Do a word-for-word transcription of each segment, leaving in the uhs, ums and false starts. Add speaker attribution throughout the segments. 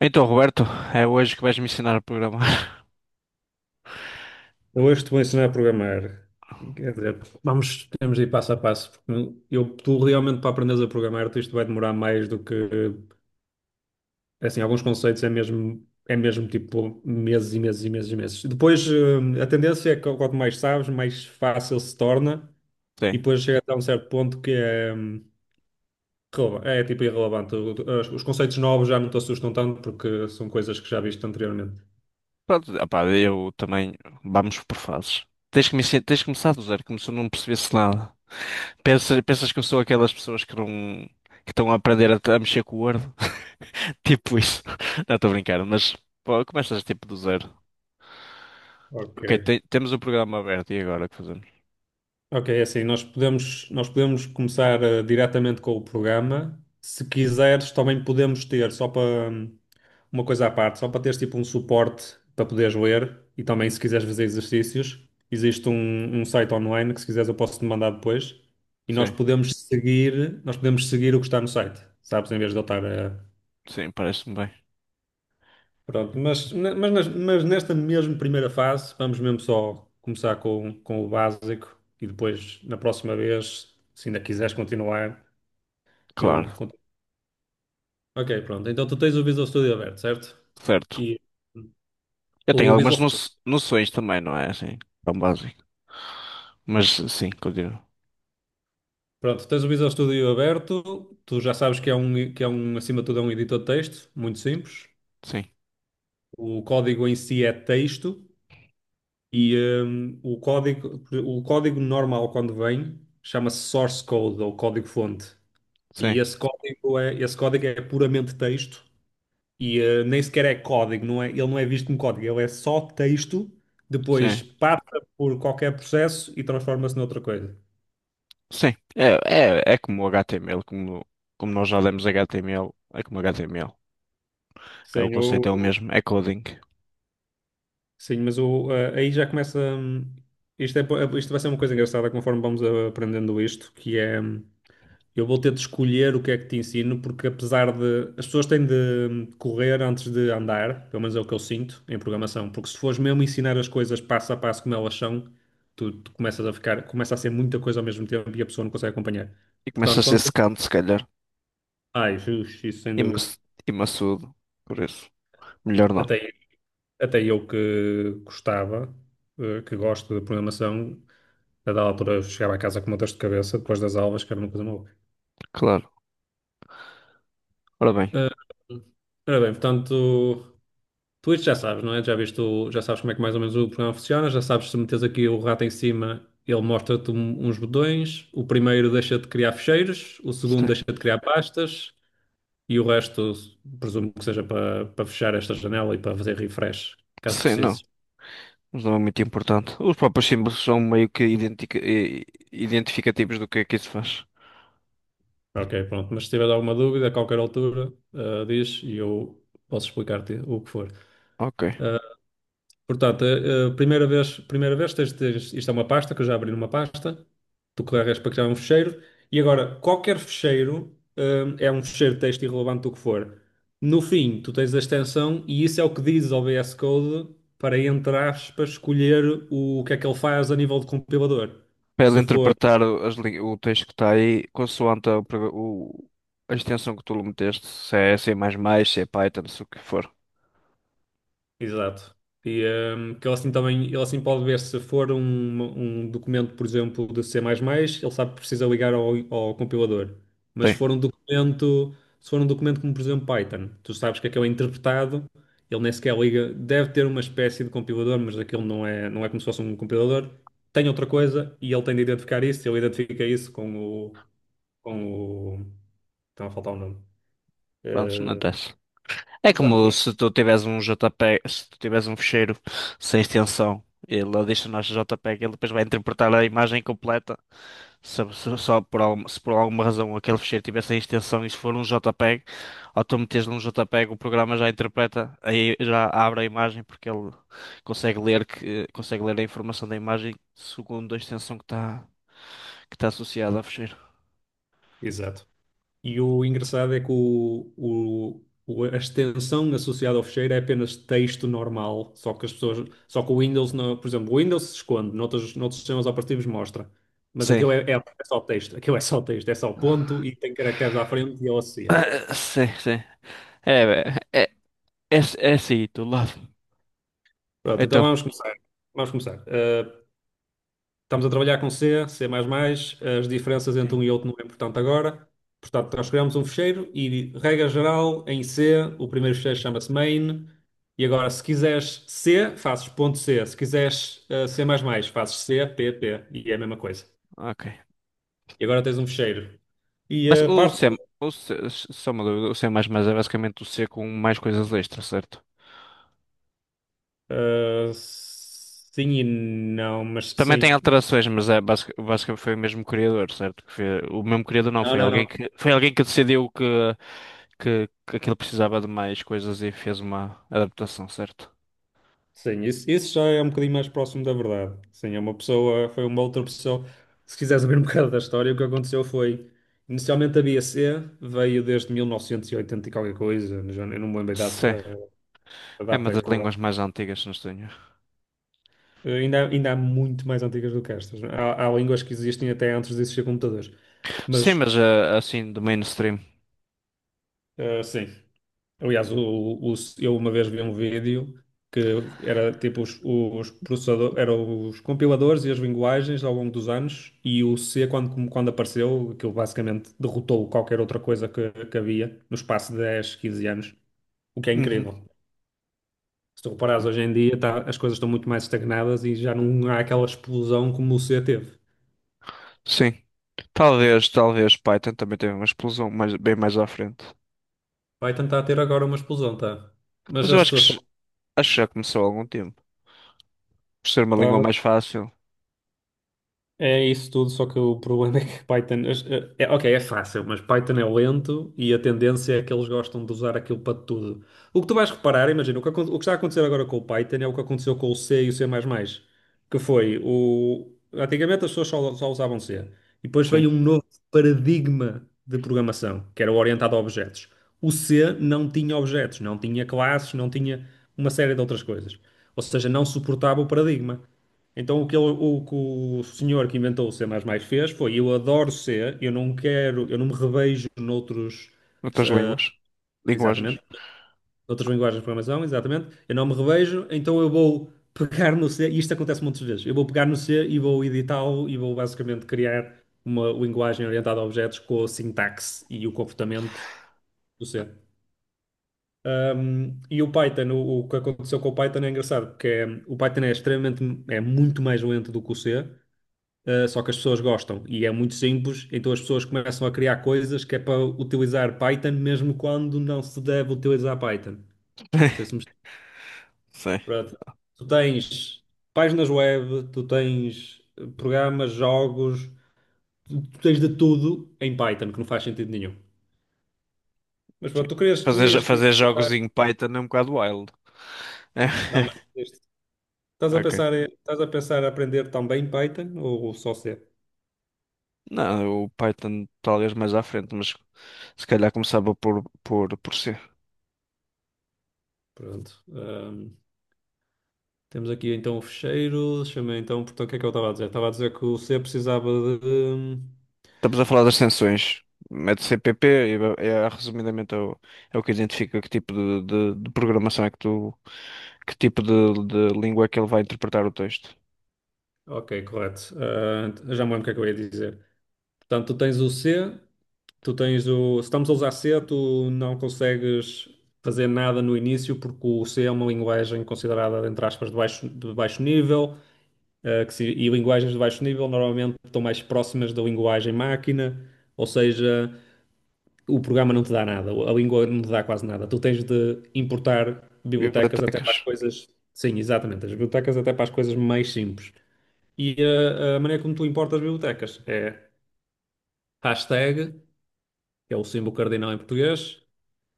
Speaker 1: Então, Roberto, é hoje que vais me ensinar a programar.
Speaker 2: Eu hoje te vou ensinar a programar. Quer dizer, vamos, temos de ir passo a passo, porque eu, tu realmente para aprenderes a programar, tu isto vai demorar mais do que, assim, alguns conceitos é mesmo, é mesmo tipo meses e meses e meses e meses. Depois, eh, a tendência é que quanto mais sabes, mais fácil se torna, e
Speaker 1: Sim.
Speaker 2: depois chega até um certo ponto que é, hum, releva- é tipo irrelevante. O- Os os conceitos novos já não te assustam tanto, porque são coisas que já viste anteriormente.
Speaker 1: Pronto, opá, eu também. Vamos por fases. Tens que me ensinar, tens que começar do zero, como se eu não percebesse nada. Pensas, pensas que eu sou aquelas pessoas que não, que estão a aprender a, a mexer com o Word? Tipo isso. Não, estou a brincar, mas pô, começas tipo do zero.
Speaker 2: Ok.
Speaker 1: Ok, te- temos o programa aberto e agora o que fazemos?
Speaker 2: Ok, é assim, nós podemos, nós podemos começar eh, diretamente com o programa. Se quiseres, também podemos ter, só para hum, uma coisa à parte, só para teres tipo um suporte para poderes ler e também se quiseres fazer exercícios, existe um, um site online que se quiseres eu posso te mandar depois e nós
Speaker 1: Sim,
Speaker 2: podemos seguir, nós podemos seguir o que está no site, sabes? Em vez de eu estar a...
Speaker 1: sim, parece-me bem.
Speaker 2: Pronto, mas, ne- mas, nas- mas nesta mesmo primeira fase, vamos mesmo só começar com, com o básico e depois, na próxima vez, se ainda quiseres continuar, eu
Speaker 1: Claro,
Speaker 2: continuo. Ok, pronto. Então tu tens o Visual Studio aberto, certo?
Speaker 1: certo.
Speaker 2: E
Speaker 1: Eu tenho
Speaker 2: o
Speaker 1: algumas
Speaker 2: Visual...
Speaker 1: no- noções também, não é assim? Tão básico. Mas sim, continua.
Speaker 2: Pronto, tens o Visual Studio aberto, tu já sabes que é um, que é um, acima de tudo, é um editor de texto, muito simples.
Speaker 1: Sim,
Speaker 2: O código em si é texto e hum, o código, o código normal quando vem chama-se source code ou código-fonte. E
Speaker 1: sim,
Speaker 2: esse código é, esse código é puramente texto e eh, nem sequer é código, não é, ele não é visto como código, ele é só texto,
Speaker 1: sim.
Speaker 2: depois passa por qualquer processo e transforma-se noutra coisa.
Speaker 1: Sim, é, é, é como o H T M L, como, como nós já lemos H T M L, é como H T M L. É, o
Speaker 2: Sim,
Speaker 1: conceito
Speaker 2: eu-
Speaker 1: é o mesmo, é coding.
Speaker 2: sim, mas o, eh, aí já começa. hum, Isto, é, po- isto vai ser uma coisa engraçada conforme vamos eh, aprendendo isto, que é. hum, Eu vou ter de escolher o que é que te ensino, porque apesar de... As pessoas têm de correr antes de andar, pelo menos é o que eu sinto em programação, porque se fores mesmo ensinar as coisas passo a passo como elas são, tu, tu começas a ficar. Começa a ser muita coisa ao mesmo tempo e a pessoa não consegue acompanhar.
Speaker 1: E começa a
Speaker 2: Portanto,
Speaker 1: ser
Speaker 2: quando...
Speaker 1: secante, se calhar,
Speaker 2: Ai, Jesus, isso sem
Speaker 1: e,
Speaker 2: dúvida.
Speaker 1: maç- e maçudo, por isso. Melhor não,
Speaker 2: Até, até eu que gostava, eh, que gosto de programação, a dada altura eu chegava a casa com uma dor de cabeça depois das aulas, que era uma coisa maluca.
Speaker 1: claro. Ora bem,
Speaker 2: Eh, Ora bem, portanto, tu isto já sabes, não é? Já viste o- já sabes como é que mais ou menos o programa funciona, já sabes se metes aqui o rato em cima, ele mostra-te um- uns botões, o primeiro deixa-te criar ficheiros, o segundo
Speaker 1: sim,
Speaker 2: deixa-te criar pastas e o resto presumo que seja para, para fechar esta janela e para fazer refresh, caso
Speaker 1: sim, não,
Speaker 2: precises.
Speaker 1: mas não é muito importante. Os próprios símbolos são meio que identica- i- identificativos do que é que isso faz.
Speaker 2: Ok, pronto. Mas se tiver alguma dúvida, a qualquer altura, ah, diz e eu posso explicar-te o que for.
Speaker 1: Ok.
Speaker 2: Eh, Portanto, a, a primeira vez, primeira vez tens de... isto é uma pasta, que eu já abri numa pasta, tu carregas para criar um fecheiro, e agora, qualquer fecheiro, hum, é um fecheiro de texto irrelevante do que for. No fim, tu tens a extensão, e isso é o que diz ao V S Code para, entre aspas, escolher o, que é que ele faz a nível de compilador.
Speaker 1: Para ele
Speaker 2: Se for...
Speaker 1: interpretar o as li- o texto que está aí, consoante a, o, a extensão que tu lhe meteste, se é C++, mais mais, se é Python, se o que for.
Speaker 2: Exato. E hum, que ele assim também, ele assim pode ver se for um, um documento, por exemplo, de C++, ele sabe que precisa ligar ao, ao compilador. Mas se
Speaker 1: Sim,
Speaker 2: for um documento, se for um documento como, por exemplo, Python, tu sabes que aquele é interpretado, ele nem sequer liga, deve ter uma espécie de compilador, mas aquilo não é, não é como se fosse um compilador. Tem outra coisa e ele tem de identificar isso, ele identifica isso com o, com o, estava a faltar o nome.
Speaker 1: pronto, não
Speaker 2: Eh,
Speaker 1: interessa. É
Speaker 2: o que está no
Speaker 1: como
Speaker 2: fim.
Speaker 1: se tu tiveres um JPEG, se tu tiveres um ficheiro sem extensão, ele adiciona JPEG, ele depois vai interpretar a imagem completa. Se, se- só por, algum- se por alguma razão aquele ficheiro tiver sem extensão e se for um JPEG, ou tu meteres num JPEG, o programa já interpreta, aí já abre a imagem porque ele consegue ler que consegue ler a informação da imagem segundo a extensão que está que está associada ao ficheiro.
Speaker 2: Exato. E o engraçado é que o, o- o- a extensão associada ao fecheiro é apenas texto normal, só que as pessoas, só que o Windows, não- por exemplo, o Windows se esconde, noutros, noutros sistemas operativos mostra, mas
Speaker 1: Sim.
Speaker 2: aquilo é, é- é só texto, aquilo é só texto, é só ponto e tem caracteres à frente e ele associa.
Speaker 1: Ah, sim, sim. É, é, é, é, é assim, do lado.
Speaker 2: Pronto, então
Speaker 1: Então,
Speaker 2: vamos começar. Vamos começar. Ah, Estamos a trabalhar com C, C++, as diferenças entre
Speaker 1: sim,
Speaker 2: um e outro não é importante agora. Portanto, nós criamos um ficheiro e, regra geral, em C, o primeiro ficheiro chama-se main. E agora, se quiseres C, fazes ponto .c. Se quiseres eh, C++, fazes C, P, P. E é a mesma coisa.
Speaker 1: ok.
Speaker 2: E agora tens um ficheiro. E
Speaker 1: Mas
Speaker 2: a
Speaker 1: o
Speaker 2: parte...
Speaker 1: C, o C, só uma dúvida, o C++ é basicamente o C com mais coisas extra, certo?
Speaker 2: eh, sim e não, mas
Speaker 1: Também tem
Speaker 2: sim.
Speaker 1: alterações, mas é basic- basicamente foi o mesmo criador, certo? Que foi- o mesmo criador não,
Speaker 2: Não,
Speaker 1: foi
Speaker 2: não,
Speaker 1: alguém
Speaker 2: não.
Speaker 1: que, foi alguém que decidiu que, que, que aquilo precisava de mais coisas e fez uma adaptação, certo?
Speaker 2: Sim, isso, isso já é um bocadinho mais próximo da verdade. Sim, é uma pessoa, foi uma outra pessoa. Se quiseres saber um bocado da história, o que aconteceu foi, inicialmente a B A C veio desde mil novecentos e oitenta e oitenta e qualquer coisa, já eu não me lembro a data,
Speaker 1: Sim,
Speaker 2: a
Speaker 1: é uma
Speaker 2: data
Speaker 1: das
Speaker 2: correta.
Speaker 1: línguas mais antigas, não tenho.
Speaker 2: Eh, Ainda, ainda há muito mais antigas do que estas. Há, há línguas que existem até antes de existir computadores.
Speaker 1: Sim,
Speaker 2: Mas,
Speaker 1: mas ah, assim, do mainstream.
Speaker 2: eh, sim. Aliás, o- o- eu uma vez vi um vídeo que era tipo os, os processadores, eram os compiladores e as linguagens ao longo dos anos, e o C, quando, quando apareceu, aquilo basicamente derrotou qualquer outra coisa que, que havia no espaço de dez quinze anos, o que é
Speaker 1: Uhum.
Speaker 2: incrível. Se tu reparares, hoje em dia tá- as coisas estão muito mais estagnadas e já não há aquela explosão como o C teve.
Speaker 1: Sim. Talvez, talvez Python também teve uma explosão mais, bem mais à frente.
Speaker 2: Vai tentar ter agora uma explosão, tá? Mas
Speaker 1: Mas eu
Speaker 2: as
Speaker 1: acho que,
Speaker 2: pessoas estão...
Speaker 1: j- acho que já começou há algum tempo. Por ser uma língua mais fácil.
Speaker 2: É isso tudo, só que o problema é que Python... É, é- ok, é fácil, mas Python é lento e a tendência é que eles gostam de usar aquilo para tudo. O que tu vais reparar, imagina, o que, acon- o que está a acontecer agora com o Python é o que aconteceu com o C e o C++, que foi o... Antigamente as pessoas só, só usavam C. E depois
Speaker 1: Sim.
Speaker 2: veio um novo paradigma de programação, que era o orientado a objetos. O C não tinha objetos, não tinha classes, não tinha uma série de outras coisas. Ou seja, não suportava o paradigma. Então, o que, ele- o que o senhor que inventou o C++ fez foi: eu adoro C, eu não quero, eu não me revejo noutros...
Speaker 1: Outras línguas. Linguagens.
Speaker 2: exatamente, noutras linguagens de programação, exatamente, eu não me revejo, então eu vou pegar no C, e isto acontece muitas vezes, eu vou pegar no C e vou editá-lo e vou basicamente criar uma linguagem orientada a objetos com a sintaxe e o comportamento do C. Um, e o Python, o, o que aconteceu com o Python é engraçado, porque é, o Python é extremamente, é muito mais lento do que o C. Uh, só que as pessoas gostam e é muito simples, então as pessoas começam a criar coisas que é para utilizar Python mesmo quando não se deve utilizar Python. Não sei se me...
Speaker 1: Sim,
Speaker 2: Pronto. Tu tens páginas web, tu tens eh, programas, jogos, tu tu tens de tudo em Python, que não faz sentido nenhum. Mas
Speaker 1: sim.
Speaker 2: pronto, tu querias, tu
Speaker 1: Fazer, jo-
Speaker 2: ias querer...
Speaker 1: fazer jogos em Python é um bocado wild.
Speaker 2: Não, mas isto... estás a
Speaker 1: Ok.
Speaker 2: pensar, em- estás a pensar em aprender também Python ou só C?
Speaker 1: Não, o Python talvez mais à frente, mas se calhar começava por, por, por C.
Speaker 2: Pronto. Temos aqui então o fecheiro. Deixa-me então, portanto, o que é que eu estava a dizer? Estava a dizer que o C precisava de... hum,
Speaker 1: Estamos a falar das sanções. Mete C P P e é, é, resumidamente é o, é o que identifica que tipo de, de- de programação é que tu, que tipo de, de língua é que ele vai interpretar o texto.
Speaker 2: Ok, correto. Ah, já me lembro o que é que eu ia dizer. Portanto, tu tens o C, tu tens o... Se estamos a usar C, tu não consegues fazer nada no início, porque o C é uma linguagem considerada, entre aspas, de baixo, de baixo nível, ah, que se- e linguagens de baixo nível normalmente estão mais próximas da linguagem máquina, ou seja, o programa não te dá nada, a língua não te dá quase nada. Tu tens de importar bibliotecas até para as
Speaker 1: Bibliotecas.
Speaker 2: coisas. Sim, exatamente, as bibliotecas até para as coisas mais simples. E eh, a maneira como tu importas bibliotecas é hashtag, que é o símbolo cardinal em português,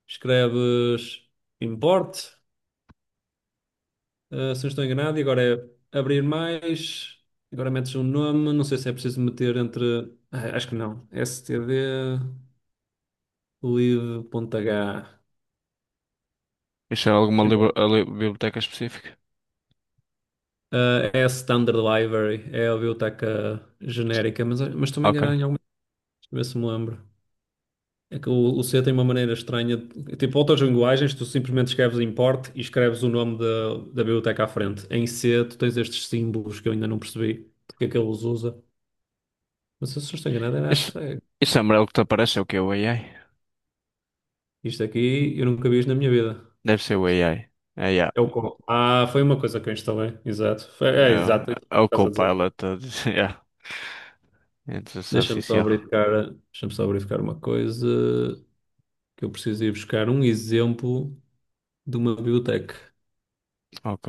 Speaker 2: escreves import, eh, se não estou enganado, e agora é abrir mais, agora metes um nome, não sei se é preciso meter entre... ah, acho que não, std live.h.
Speaker 1: Isso é alguma libra- a li- biblioteca específica?
Speaker 2: Ah, é a Standard Library, é a biblioteca genérica, mas, mas estou-me a
Speaker 1: Ok.
Speaker 2: enganar em alguma coisa, a ver se me lembro. É que o, o C tem uma maneira estranha. de- Tipo, outras linguagens, tu simplesmente escreves import e escreves o nome da, da biblioteca à frente. Em C, tu tens estes símbolos que eu ainda não percebi porque é que ele os usa. Não sei se eu estou enganado, era
Speaker 1: Isso,
Speaker 2: hashtag.
Speaker 1: isso é amarelo que te aparece é o que? O A I?
Speaker 2: Isto aqui eu nunca vi isto na minha vida.
Speaker 1: Deve ser o A I. É, yeah.
Speaker 2: É o com- Ah, foi uma coisa que eu instalei, exato. Foi- É,
Speaker 1: É,
Speaker 2: exato, é isso
Speaker 1: o é
Speaker 2: que
Speaker 1: o
Speaker 2: estás a dizer.
Speaker 1: Copilot. a dizer- Yeah. Inteligência
Speaker 2: Deixa-me só
Speaker 1: artificial.
Speaker 2: verificar, deixa-me só verificar uma coisa. Que eu preciso ir buscar um exemplo de uma biblioteca.
Speaker 1: Ok.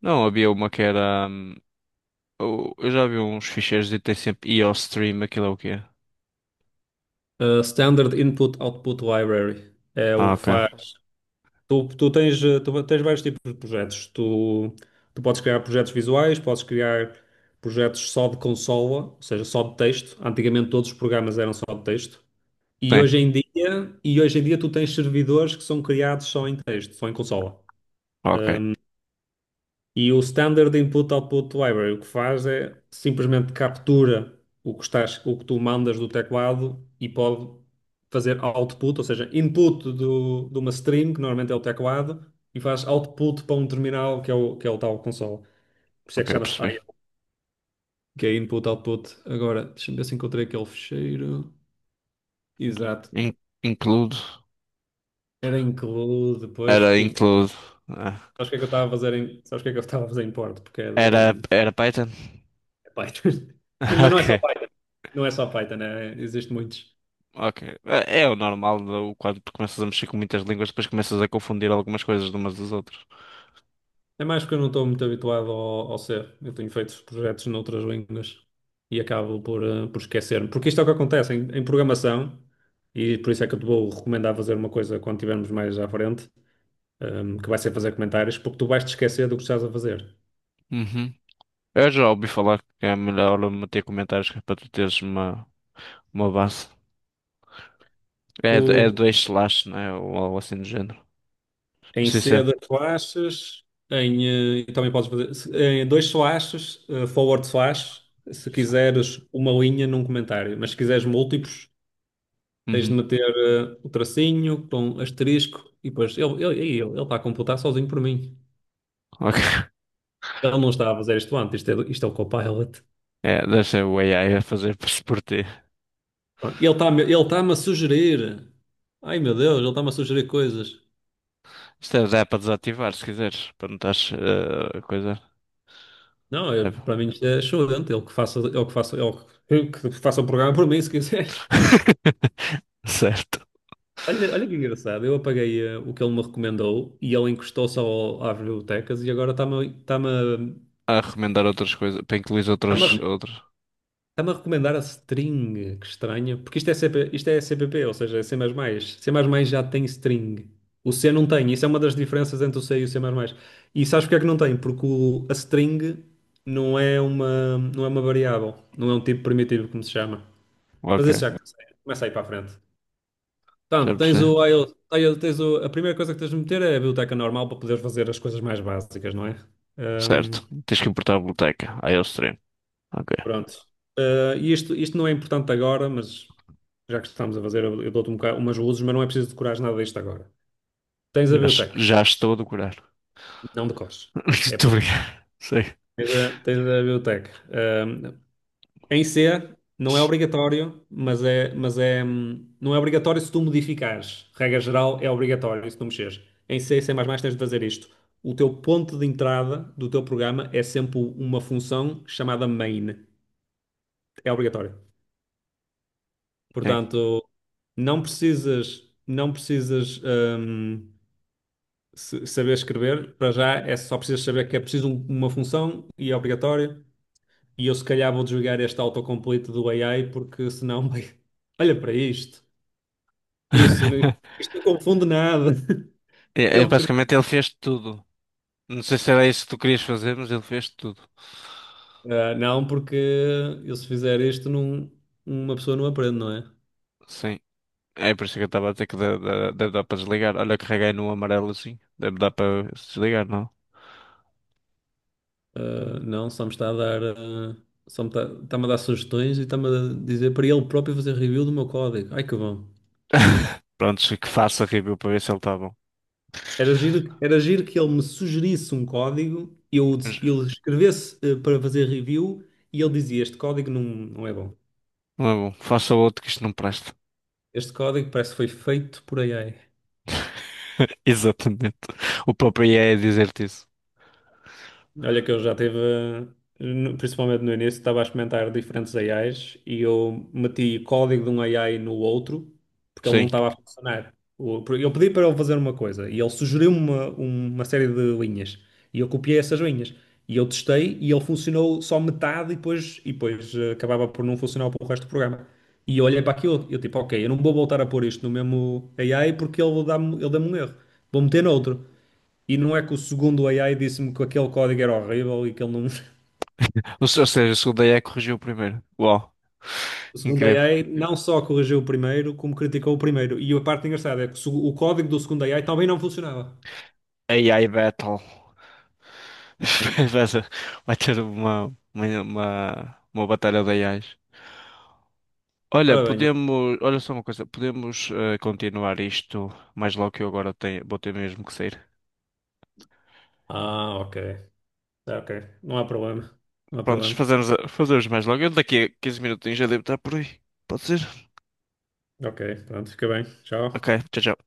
Speaker 1: Não, havia uma que era. Hum, o- eu já vi uns ficheiros e tem sempre IOStream, aquilo é o quê?
Speaker 2: A Standard Input Output Library é
Speaker 1: Ah,
Speaker 2: o que
Speaker 1: ok.
Speaker 2: faz. Tu, tu tens, eh, tu tens vários tipos de projetos. Tu, tu podes criar projetos visuais, podes criar projetos só de consola, ou seja, só de texto. Antigamente todos os programas eram só de texto. E
Speaker 1: Tem.
Speaker 2: hoje em dia, e hoje em dia tu tens servidores que são criados só em texto, só em consola.
Speaker 1: Ok.
Speaker 2: E o Standard Input Output Library o que faz é simplesmente captura o que estás, o que tu mandas do teclado e pode fazer output, ou seja, input do, de uma string, que normalmente é o teclado, e faz output para um terminal que é o, que é o tal console. Por isso
Speaker 1: Ok,
Speaker 2: é que chama-se
Speaker 1: percebi.
Speaker 2: I O. Que é input, output. Agora, deixa-me ver se encontrei aquele ficheiro. Exato.
Speaker 1: In- Include.
Speaker 2: Era include depois,
Speaker 1: Era
Speaker 2: porque
Speaker 1: include. Ah.
Speaker 2: sabes o que é que eu estava a fazer em, sabes o que é que eu estava a fazer em Porto? Porque é
Speaker 1: Era,
Speaker 2: de
Speaker 1: era Python?
Speaker 2: é Python. E- Mas não é só
Speaker 1: Ok.
Speaker 2: Python. Não é só Python, né? Existem muitos.
Speaker 1: Ok. É é o normal, do- quando tu começas a mexer com muitas línguas, depois começas a confundir algumas coisas de umas das outras.
Speaker 2: É mais que eu não estou muito habituado ao, ao C. Eu tenho feito projetos noutras línguas e acabo por, eh, por esquecer-me. Porque isto é o que acontece em, em programação, e por isso é que eu te vou recomendar fazer uma coisa quando estivermos mais à frente, ehm, que vai ser fazer comentários, porque tu vais te esquecer do que estás a fazer.
Speaker 1: Uhum. Eu já ouvi falar que é melhor meter comentários que é para tu teres uma, uma base.
Speaker 2: Tu,
Speaker 1: É, do- é
Speaker 2: tu-
Speaker 1: dois slash, né? Ou algo assim do género. Não
Speaker 2: Em
Speaker 1: sei se é.
Speaker 2: C das slashes, em, eh, e também podes fazer se- em dois slashes, eh, forward slash, se
Speaker 1: se-
Speaker 2: quiseres uma linha num comentário, mas se quiseres múltiplos. Tens de
Speaker 1: Uhum.
Speaker 2: meter eh, o tracinho com asterisco e depois ele, ele, ele, ele está a computar sozinho por mim.
Speaker 1: Ok.
Speaker 2: Ele não está a fazer isto antes, isto é, isto é o Copilot.
Speaker 1: É, deixa o A I a fazer por si por ti.
Speaker 2: Pronto, ele está-me ele está-me a sugerir. Ai meu Deus, ele está-me a sugerir coisas.
Speaker 1: Isto é, dá para desativar se quiseres, para não estás eh, a coisa.
Speaker 2: Não, é-
Speaker 1: É.
Speaker 2: para mim isto é excelente. Ele que faça, ele que faça, ele que que faça o programa por mim, se quiser.
Speaker 1: Certo.
Speaker 2: Olha, olha que engraçado. Eu apaguei eh, o que ele me recomendou e ele encostou só ao- às bibliotecas e agora está-me está-me a-
Speaker 1: A recomendar outras coisas, para incluir outras,
Speaker 2: está-me a
Speaker 1: outras.
Speaker 2: está-me a recomendar a string, que estranho. Porque isto é, C P, isto é C P P, ou seja, é C++. C++ já tem string. O C não tem. Isso é uma das diferenças entre o C e o C++. E sabes porque é que não tem? Porque o- a string não é uma, não é uma variável. Não é um tipo primitivo, como se chama. Mas
Speaker 1: Ok,
Speaker 2: esse já começa, começa aí para a frente.
Speaker 1: já
Speaker 2: Portanto, tens
Speaker 1: percebi.
Speaker 2: o, I O aí tens o, a primeira coisa que tens de meter é a biblioteca normal para poderes fazer as coisas mais básicas, não é?
Speaker 1: Certo. Tens que importar a biblioteca. Aí é o treino. Ok.
Speaker 2: Pronto. Eh, E isto, isto não é importante agora, mas já que estamos a fazer, eu eu dou-te um boca- umas luzes, mas não é preciso decorar nada disto agora. Tens a
Speaker 1: Já,
Speaker 2: biotec,
Speaker 1: já estou a decorar.
Speaker 2: não decores. É
Speaker 1: Muito
Speaker 2: por-
Speaker 1: obrigado. Sei.
Speaker 2: Tens a, tens a biotec. Eh, em C, não é obrigatório, mas é, mas é, hum, não é obrigatório se tu modificares. Regra geral, é obrigatório se tu mexeres. Em C, e C++, tens de fazer isto. O teu ponto de entrada do teu programa é sempre uma função chamada main. É obrigatório.
Speaker 1: Sim.
Speaker 2: Portanto, não precisas, não precisas hum, se- saber escrever, para já é só precisas saber que é preciso um- uma função e é obrigatória. E eu se calhar vou desligar este autocomplete do A I porque senão, vai- olha para isto. Isso, não- isto não confunde nada.
Speaker 1: É, é,
Speaker 2: Ele cria.
Speaker 1: basicamente ele fez tudo. Não sei se era isso que tu querias fazer, mas ele fez tudo.
Speaker 2: Ah, não, porque eu se fizer isto, não, uma pessoa não aprende, não é?
Speaker 1: Sim. É por isso que eu estava a dizer que deve, deve- deve dar para desligar. Olha, eu carreguei no amarelo assim. Deve dar para desligar, não?
Speaker 2: Ah, não, só me está a dar, ah, só me está, está-me a dar sugestões e está-me a dizer para ele próprio fazer review do meu código. Ai que bom.
Speaker 1: Prontos, que faça review para ver se ele está bom.
Speaker 2: Era giro, era giro que ele me sugerisse um código, eu,
Speaker 1: Mas
Speaker 2: ele escrevesse eh, para fazer review e ele dizia: Este código não, não é bom.
Speaker 1: não é bom. Faça outro que isto não presta.
Speaker 2: Este código parece que foi feito por A I.
Speaker 1: Exatamente. O próprio I A é dizer-te isso.
Speaker 2: Olha que eu já tive, no- principalmente no início, estava a experimentar diferentes A Is e eu meti código de um A I no outro porque ele não
Speaker 1: Sim.
Speaker 2: estava a funcionar. O- Eu pedi para ele fazer uma coisa e ele sugeriu-me uma, uma série de linhas e eu copiei essas linhas e eu testei e ele funcionou só metade e depois, e depois eh, acabava por não funcionar para o resto do programa. E eu olhei para aquilo e eu tipo, ok, eu não vou voltar a pôr isto no mesmo A I porque ele dá-me ele dá-me um erro. Vou meter noutro. E não é que o segundo A I disse-me que aquele código era horrível e que ele não.
Speaker 1: Ou se- Ou seja, o segundo A I corrigiu o primeiro. Uau,
Speaker 2: O segundo
Speaker 1: incrível.
Speaker 2: A I não só corrigiu o primeiro, como criticou o primeiro. E a parte engraçada é que o seg- o código do segundo A I também não funcionava.
Speaker 1: A I Battle. Vai ser- Vai ter uma, uma, uma, uma batalha de A Is. Olha,
Speaker 2: Ora bem, eu...
Speaker 1: podemos. Olha só uma coisa, podemos eh, continuar isto mais logo que eu agora tenho, vou ter mesmo que sair.
Speaker 2: Ah, ok. Ah, ok. Não há problema. Não há
Speaker 1: Prontos,
Speaker 2: problema.
Speaker 1: fazemos, a- fazemos mais logo. Eu daqui a quinze minutinhos já devo estar por aí. Pode ser?
Speaker 2: Ok, pronto, fica bem.
Speaker 1: Ok,
Speaker 2: Tchau.
Speaker 1: tchau, tchau.